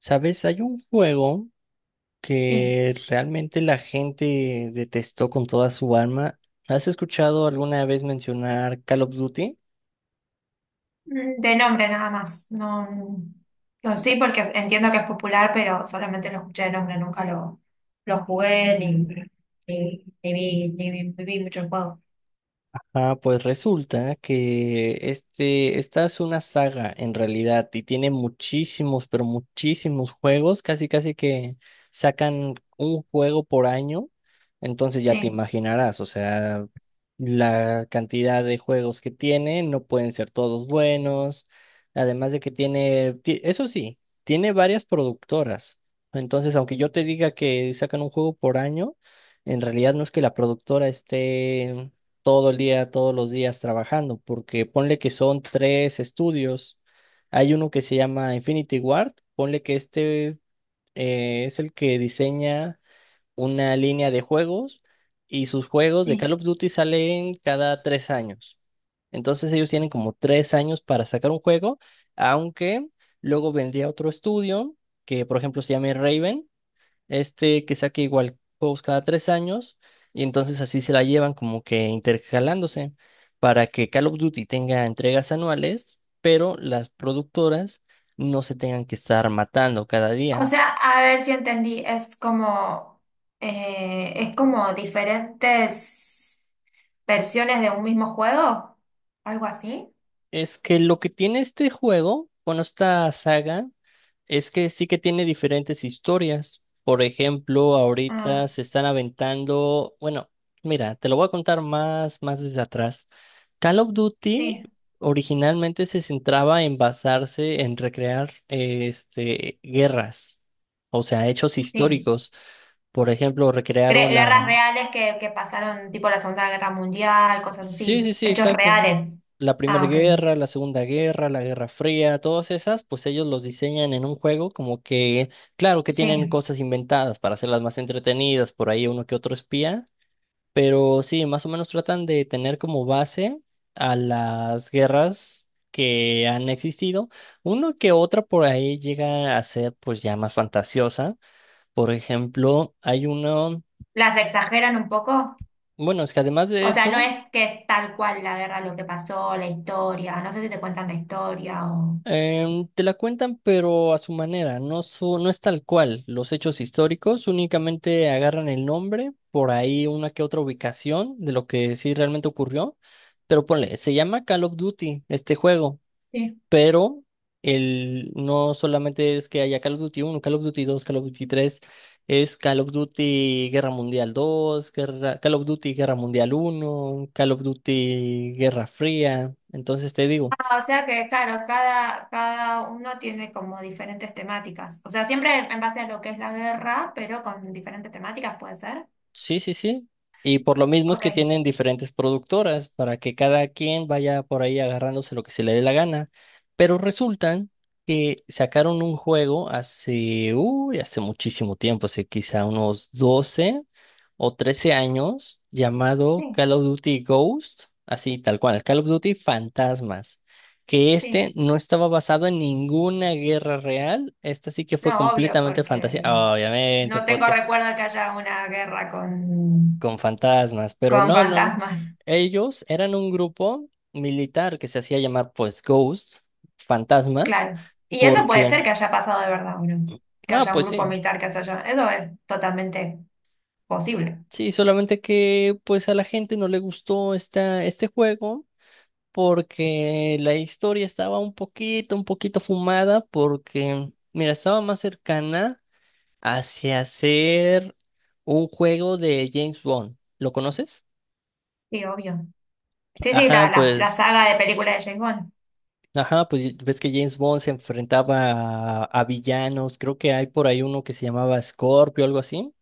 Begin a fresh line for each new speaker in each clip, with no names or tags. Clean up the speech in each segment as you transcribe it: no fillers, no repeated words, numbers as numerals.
Sabes, hay un juego
Sí.
que realmente la gente detestó con toda su alma. ¿Has escuchado alguna vez mencionar Call of Duty?
De nombre nada más. No, no sí, porque entiendo que es popular, pero solamente lo escuché de nombre, nunca lo, lo jugué ni ni vi mucho el juego.
Ah, pues resulta que esta es una saga en realidad y tiene muchísimos, pero muchísimos juegos, casi casi que sacan un juego por año. Entonces ya te
Sí,
imaginarás, o sea, la cantidad de juegos que tiene no pueden ser todos buenos, además de que tiene, eso sí, tiene varias productoras. Entonces, aunque yo te diga que sacan un juego por año, en realidad no es que la productora esté todo el día, todos los días trabajando, porque ponle que son tres estudios. Hay uno que se llama Infinity Ward. Ponle que es el que diseña una línea de juegos y sus juegos de
sí.
Call of Duty salen cada 3 años. Entonces ellos tienen como 3 años para sacar un juego, aunque luego vendría otro estudio que, por ejemplo, se llama Raven, este que saque igual juegos cada 3 años, y entonces así se la llevan como que intercalándose para que Call of Duty tenga entregas anuales, pero las productoras no se tengan que estar matando cada día.
O sea, a ver si entendí, es como diferentes versiones de un mismo juego, algo así.
Es que lo que tiene este juego, bueno, esta saga, es que sí que tiene diferentes historias. Por ejemplo,
Ah,
ahorita se están aventando, bueno, mira, te lo voy a contar más desde atrás. Call of Duty
sí,
originalmente se centraba en basarse en recrear guerras, o sea, hechos
sí.
históricos. Por ejemplo, recrearon la,
Guerras reales que pasaron, tipo la Segunda Guerra Mundial, cosas
sí,
así.
sí, sí,
Hechos
exacto.
reales.
La Primera
Ah, ok.
Guerra, la Segunda Guerra, la Guerra Fría, todas esas, pues ellos los diseñan en un juego como que, claro que tienen
Sí.
cosas inventadas para hacerlas más entretenidas, por ahí uno que otro espía, pero sí, más o menos tratan de tener como base a las guerras que han existido. Uno que otra por ahí llega a ser pues ya más fantasiosa. Por ejemplo, hay uno,
¿Las exageran un poco?
bueno, es que además de
O sea, no
eso...
es que es tal cual la guerra, lo que pasó, la historia. No sé si te cuentan la historia o...
Te la cuentan, pero a su manera, no, no es tal cual. Los hechos históricos únicamente agarran el nombre, por ahí una que otra ubicación de lo que sí realmente ocurrió. Pero ponle, se llama Call of Duty este juego,
Sí.
pero no solamente es que haya Call of Duty uno, Call of Duty 2, Call of Duty 3, es Call of Duty Guerra Mundial 2, Call of Duty Guerra Mundial uno, Call of Duty Guerra Fría. Entonces te digo.
Ah, o sea que, claro, cada uno tiene como diferentes temáticas. O sea, siempre en base a lo que es la guerra, pero con diferentes temáticas puede ser.
Sí, sí, sí. Y por lo mismo es que
Ok.
tienen diferentes productoras para que cada quien vaya por ahí agarrándose lo que se le dé la gana. Pero resultan que sacaron un juego hace, uy, hace muchísimo tiempo, hace quizá unos 12 o 13 años, llamado
Sí,
Call of Duty Ghost, así tal cual, Call of Duty Fantasmas, que
sí.
este no estaba basado en ninguna guerra real. Esta sí que fue
No, obvio,
completamente fantasía,
porque...
obviamente,
No tengo
porque
recuerdo que haya una guerra
con fantasmas, pero
con
no, no, no.
fantasmas,
Ellos eran un grupo militar que se hacía llamar pues Ghost, fantasmas,
claro. Y eso puede ser
porque,
que haya pasado de verdad, bueno, que
ah,
haya un
pues sí,
grupo militar que hasta allá. Eso es totalmente posible,
sí, solamente que pues a la gente no le gustó este juego porque la historia estaba un poquito fumada porque, mira, estaba más cercana hacia ser un juego de James Bond. ¿Lo conoces?
sí, obvio. Sí, sí,
Ajá, pues
la saga de películas de James Bond,
Ajá, pues ves que James Bond se enfrentaba a villanos. Creo que hay por ahí uno que se llamaba Scorpio, algo así.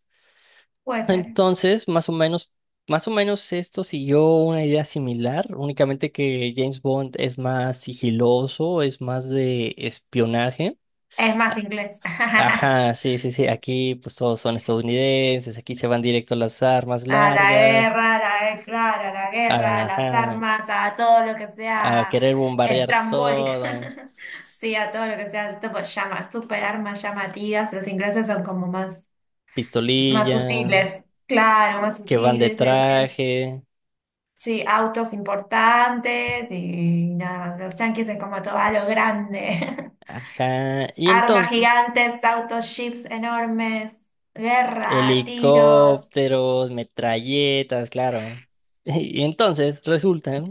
puede ser.
Entonces, más o menos esto siguió una idea similar, únicamente que James Bond es más sigiloso, es más de espionaje.
Es más inglés.
Ajá, sí, sí, sí, aquí pues todos son estadounidenses, aquí se van directo a las armas largas,
A la guerra, claro, a la guerra, a las
ajá,
armas, a todo lo que
a
sea
querer bombardear
estrambólica.
todo, s-
Sí, a todo lo que sea, tipo, llamas, super armas llamativas. Los ingleses son como más. Más
pistolilla,
sutiles, claro, más
que van de
sutiles.
traje,
Sí, autos importantes y nada más. Los yanquis es como todo a lo grande.
ajá. Y
Armas
entonces,
gigantes, autos, ships enormes, guerra, tiros.
helicópteros, metralletas, claro. Y entonces resulta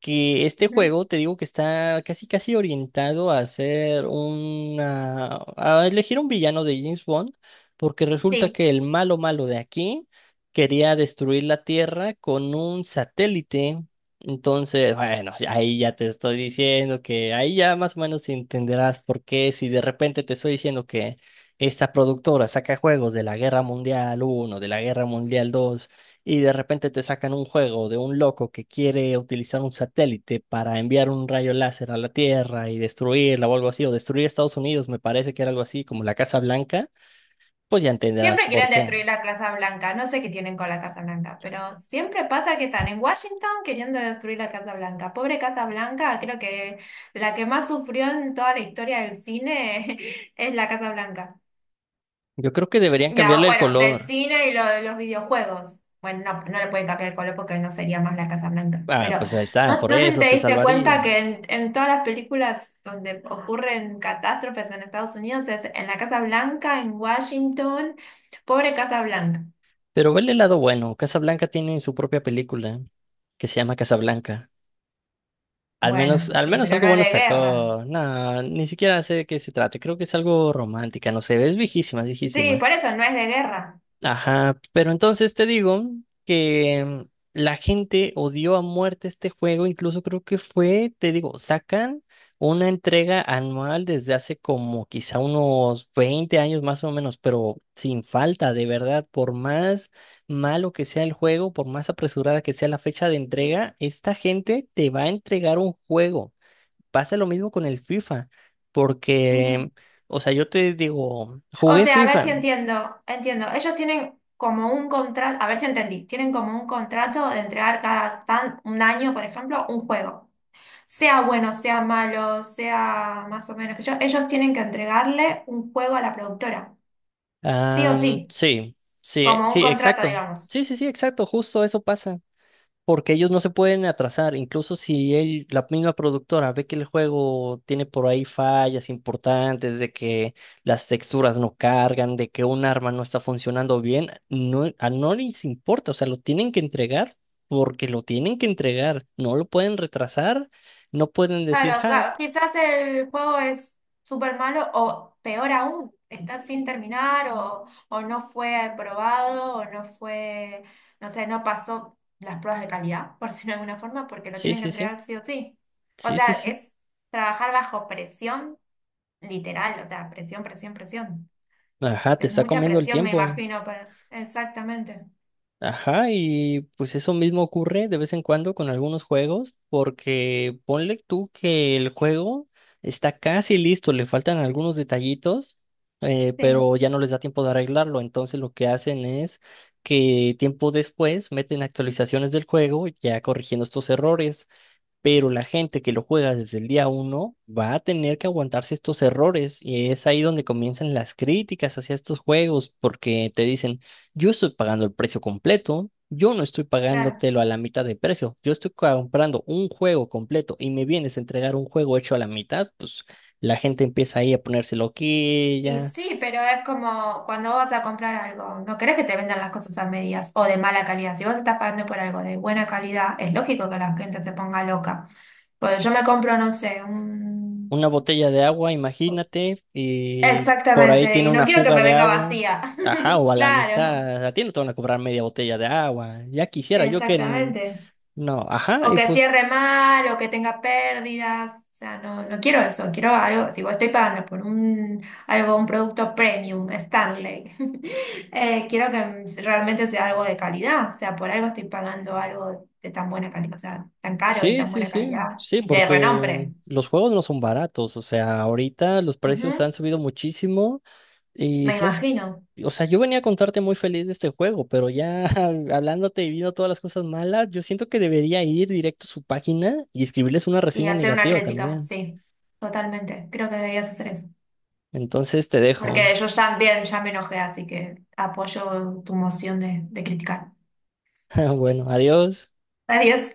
que este
Ujú.
juego, te digo que está casi casi orientado a hacer una, a elegir un villano de James Bond, porque resulta
Sí,
que el malo malo de aquí quería destruir la Tierra con un satélite. Entonces, bueno, ahí ya te estoy diciendo que ahí ya más o menos entenderás por qué, si de repente te estoy diciendo que esta productora saca juegos de la Guerra Mundial uno, de la Guerra Mundial dos, y de repente te sacan un juego de un loco que quiere utilizar un satélite para enviar un rayo láser a la Tierra y destruirla o algo así, o destruir Estados Unidos, me parece que era algo así como la Casa Blanca, pues ya entenderás
siempre
por
quieren
qué.
destruir la Casa Blanca. No sé qué tienen con la Casa Blanca, pero siempre pasa que están en Washington queriendo destruir la Casa Blanca. Pobre Casa Blanca, creo que la que más sufrió en toda la historia del cine es la Casa Blanca.
Yo creo que deberían cambiarle el
Bueno, del
color.
cine y lo de los videojuegos. Bueno, no, no le pueden cambiar el color porque no sería más la Casa Blanca.
Ah,
Pero
pues ahí está,
no,
por
no sé si
eso
te
se
diste cuenta
salvaría.
que en todas las películas donde ocurren catástrofes en Estados Unidos es en la Casa Blanca, en Washington. Pobre Casa Blanca.
Pero vele el lado bueno, Casa Blanca tiene su propia película que se llama Casa Blanca.
Bueno,
Al
sí,
menos
pero
algo
no es
bueno
de guerra.
sacó. No, ni siquiera sé de qué se trata. Creo que es algo romántica, no sé. Es viejísima, es
Sí,
viejísima.
por eso no es de guerra.
Ajá, pero entonces te digo que la gente odió a muerte este juego. Incluso creo que fue, te digo, sacan una entrega anual desde hace como quizá unos 20 años más o menos, pero sin falta, de verdad, por más malo que sea el juego, por más apresurada que sea la fecha de entrega, esta gente te va a entregar un juego. Pasa lo mismo con el FIFA,
Ujú.
porque, o sea, yo te digo,
O
jugué
sea, a ver si
FIFA.
entiendo, entiendo. Ellos tienen como un contrato, a ver si entendí, tienen como un contrato de entregar cada tan, un año, por ejemplo, un juego. Sea bueno, sea malo, sea más o menos que yo, ellos tienen que entregarle un juego a la productora, sí o sí,
Sí, sí,
como un
sí,
contrato,
exacto.
digamos.
Sí, sí, sí, exacto. Justo eso pasa. Porque ellos no se pueden atrasar. Incluso si la misma productora ve que el juego tiene por ahí fallas importantes, de que las texturas no cargan, de que un arma no está funcionando bien, no, a no les importa. O sea, lo tienen que entregar porque lo tienen que entregar. No lo pueden retrasar. No pueden decir,
Claro,
ja,
quizás el juego es súper malo o peor aún, está sin terminar o no fue aprobado o no fue, no sé, no pasó las pruebas de calidad, por decirlo de alguna forma, porque lo
sí,
tienen que
sí, sí,
entregar sí o sí. O
sí, sí,
sea,
sí.
es trabajar bajo presión literal, o sea, presión, presión, presión.
Ajá, te
Es
está
mucha
comiendo el
presión, me
tiempo.
imagino, para... Exactamente.
Ajá, y pues eso mismo ocurre de vez en cuando con algunos juegos, porque ponle tú que el juego está casi listo, le faltan algunos detallitos,
Sí,
pero ya no les da tiempo de arreglarlo, entonces lo que hacen es que tiempo después meten actualizaciones del juego ya corrigiendo estos errores, pero la gente que lo juega desde el día uno va a tener que aguantarse estos errores, y es ahí donde comienzan las críticas hacia estos juegos porque te dicen, yo estoy pagando el precio completo, yo no estoy
claro.
pagándotelo a la mitad de precio, yo estoy comprando un juego completo y me vienes a entregar un juego hecho a la mitad. Pues la gente empieza ahí a ponerse
Y
loquilla.
sí, pero es como cuando vos vas a comprar algo, no querés que te vendan las cosas a medias o de mala calidad. Si vos estás pagando por algo de buena calidad, es lógico que la gente se ponga loca. Porque yo me compro, no sé, un...
Una botella de agua, imagínate, y por ahí
Exactamente,
tiene
y no
una
quiero que
fuga
me
de
venga
agua.
vacía.
Ajá, o a la
Claro,
mitad, a ti no te van a cobrar media botella de agua. Ya quisiera yo que...
exactamente.
No, ajá,
O
y
que
pues
cierre mal, o que tenga pérdidas. O sea, no, no quiero eso, quiero algo. Si vos estoy pagando por un algo, un producto premium, Stanley, quiero que realmente sea algo de calidad. O sea, por algo estoy pagando algo de tan buena calidad, o sea, tan caro y
sí,
tan
sí,
buena
sí,
calidad
sí,
y de
porque
renombre.
los juegos no son baratos, o sea, ahorita los precios
Ujú,
han subido muchísimo y,
me
¿sabes?
imagino.
O sea, yo venía a contarte muy feliz de este juego, pero ya hablándote y viendo todas las cosas malas, yo siento que debería ir directo a su página y escribirles una
Y
reseña
hacer una
negativa
crítica,
también.
sí, totalmente. Creo que deberías hacer eso.
Entonces te dejo.
Porque yo también ya me enojé, así que apoyo tu moción de criticar.
Bueno, adiós.
Adiós.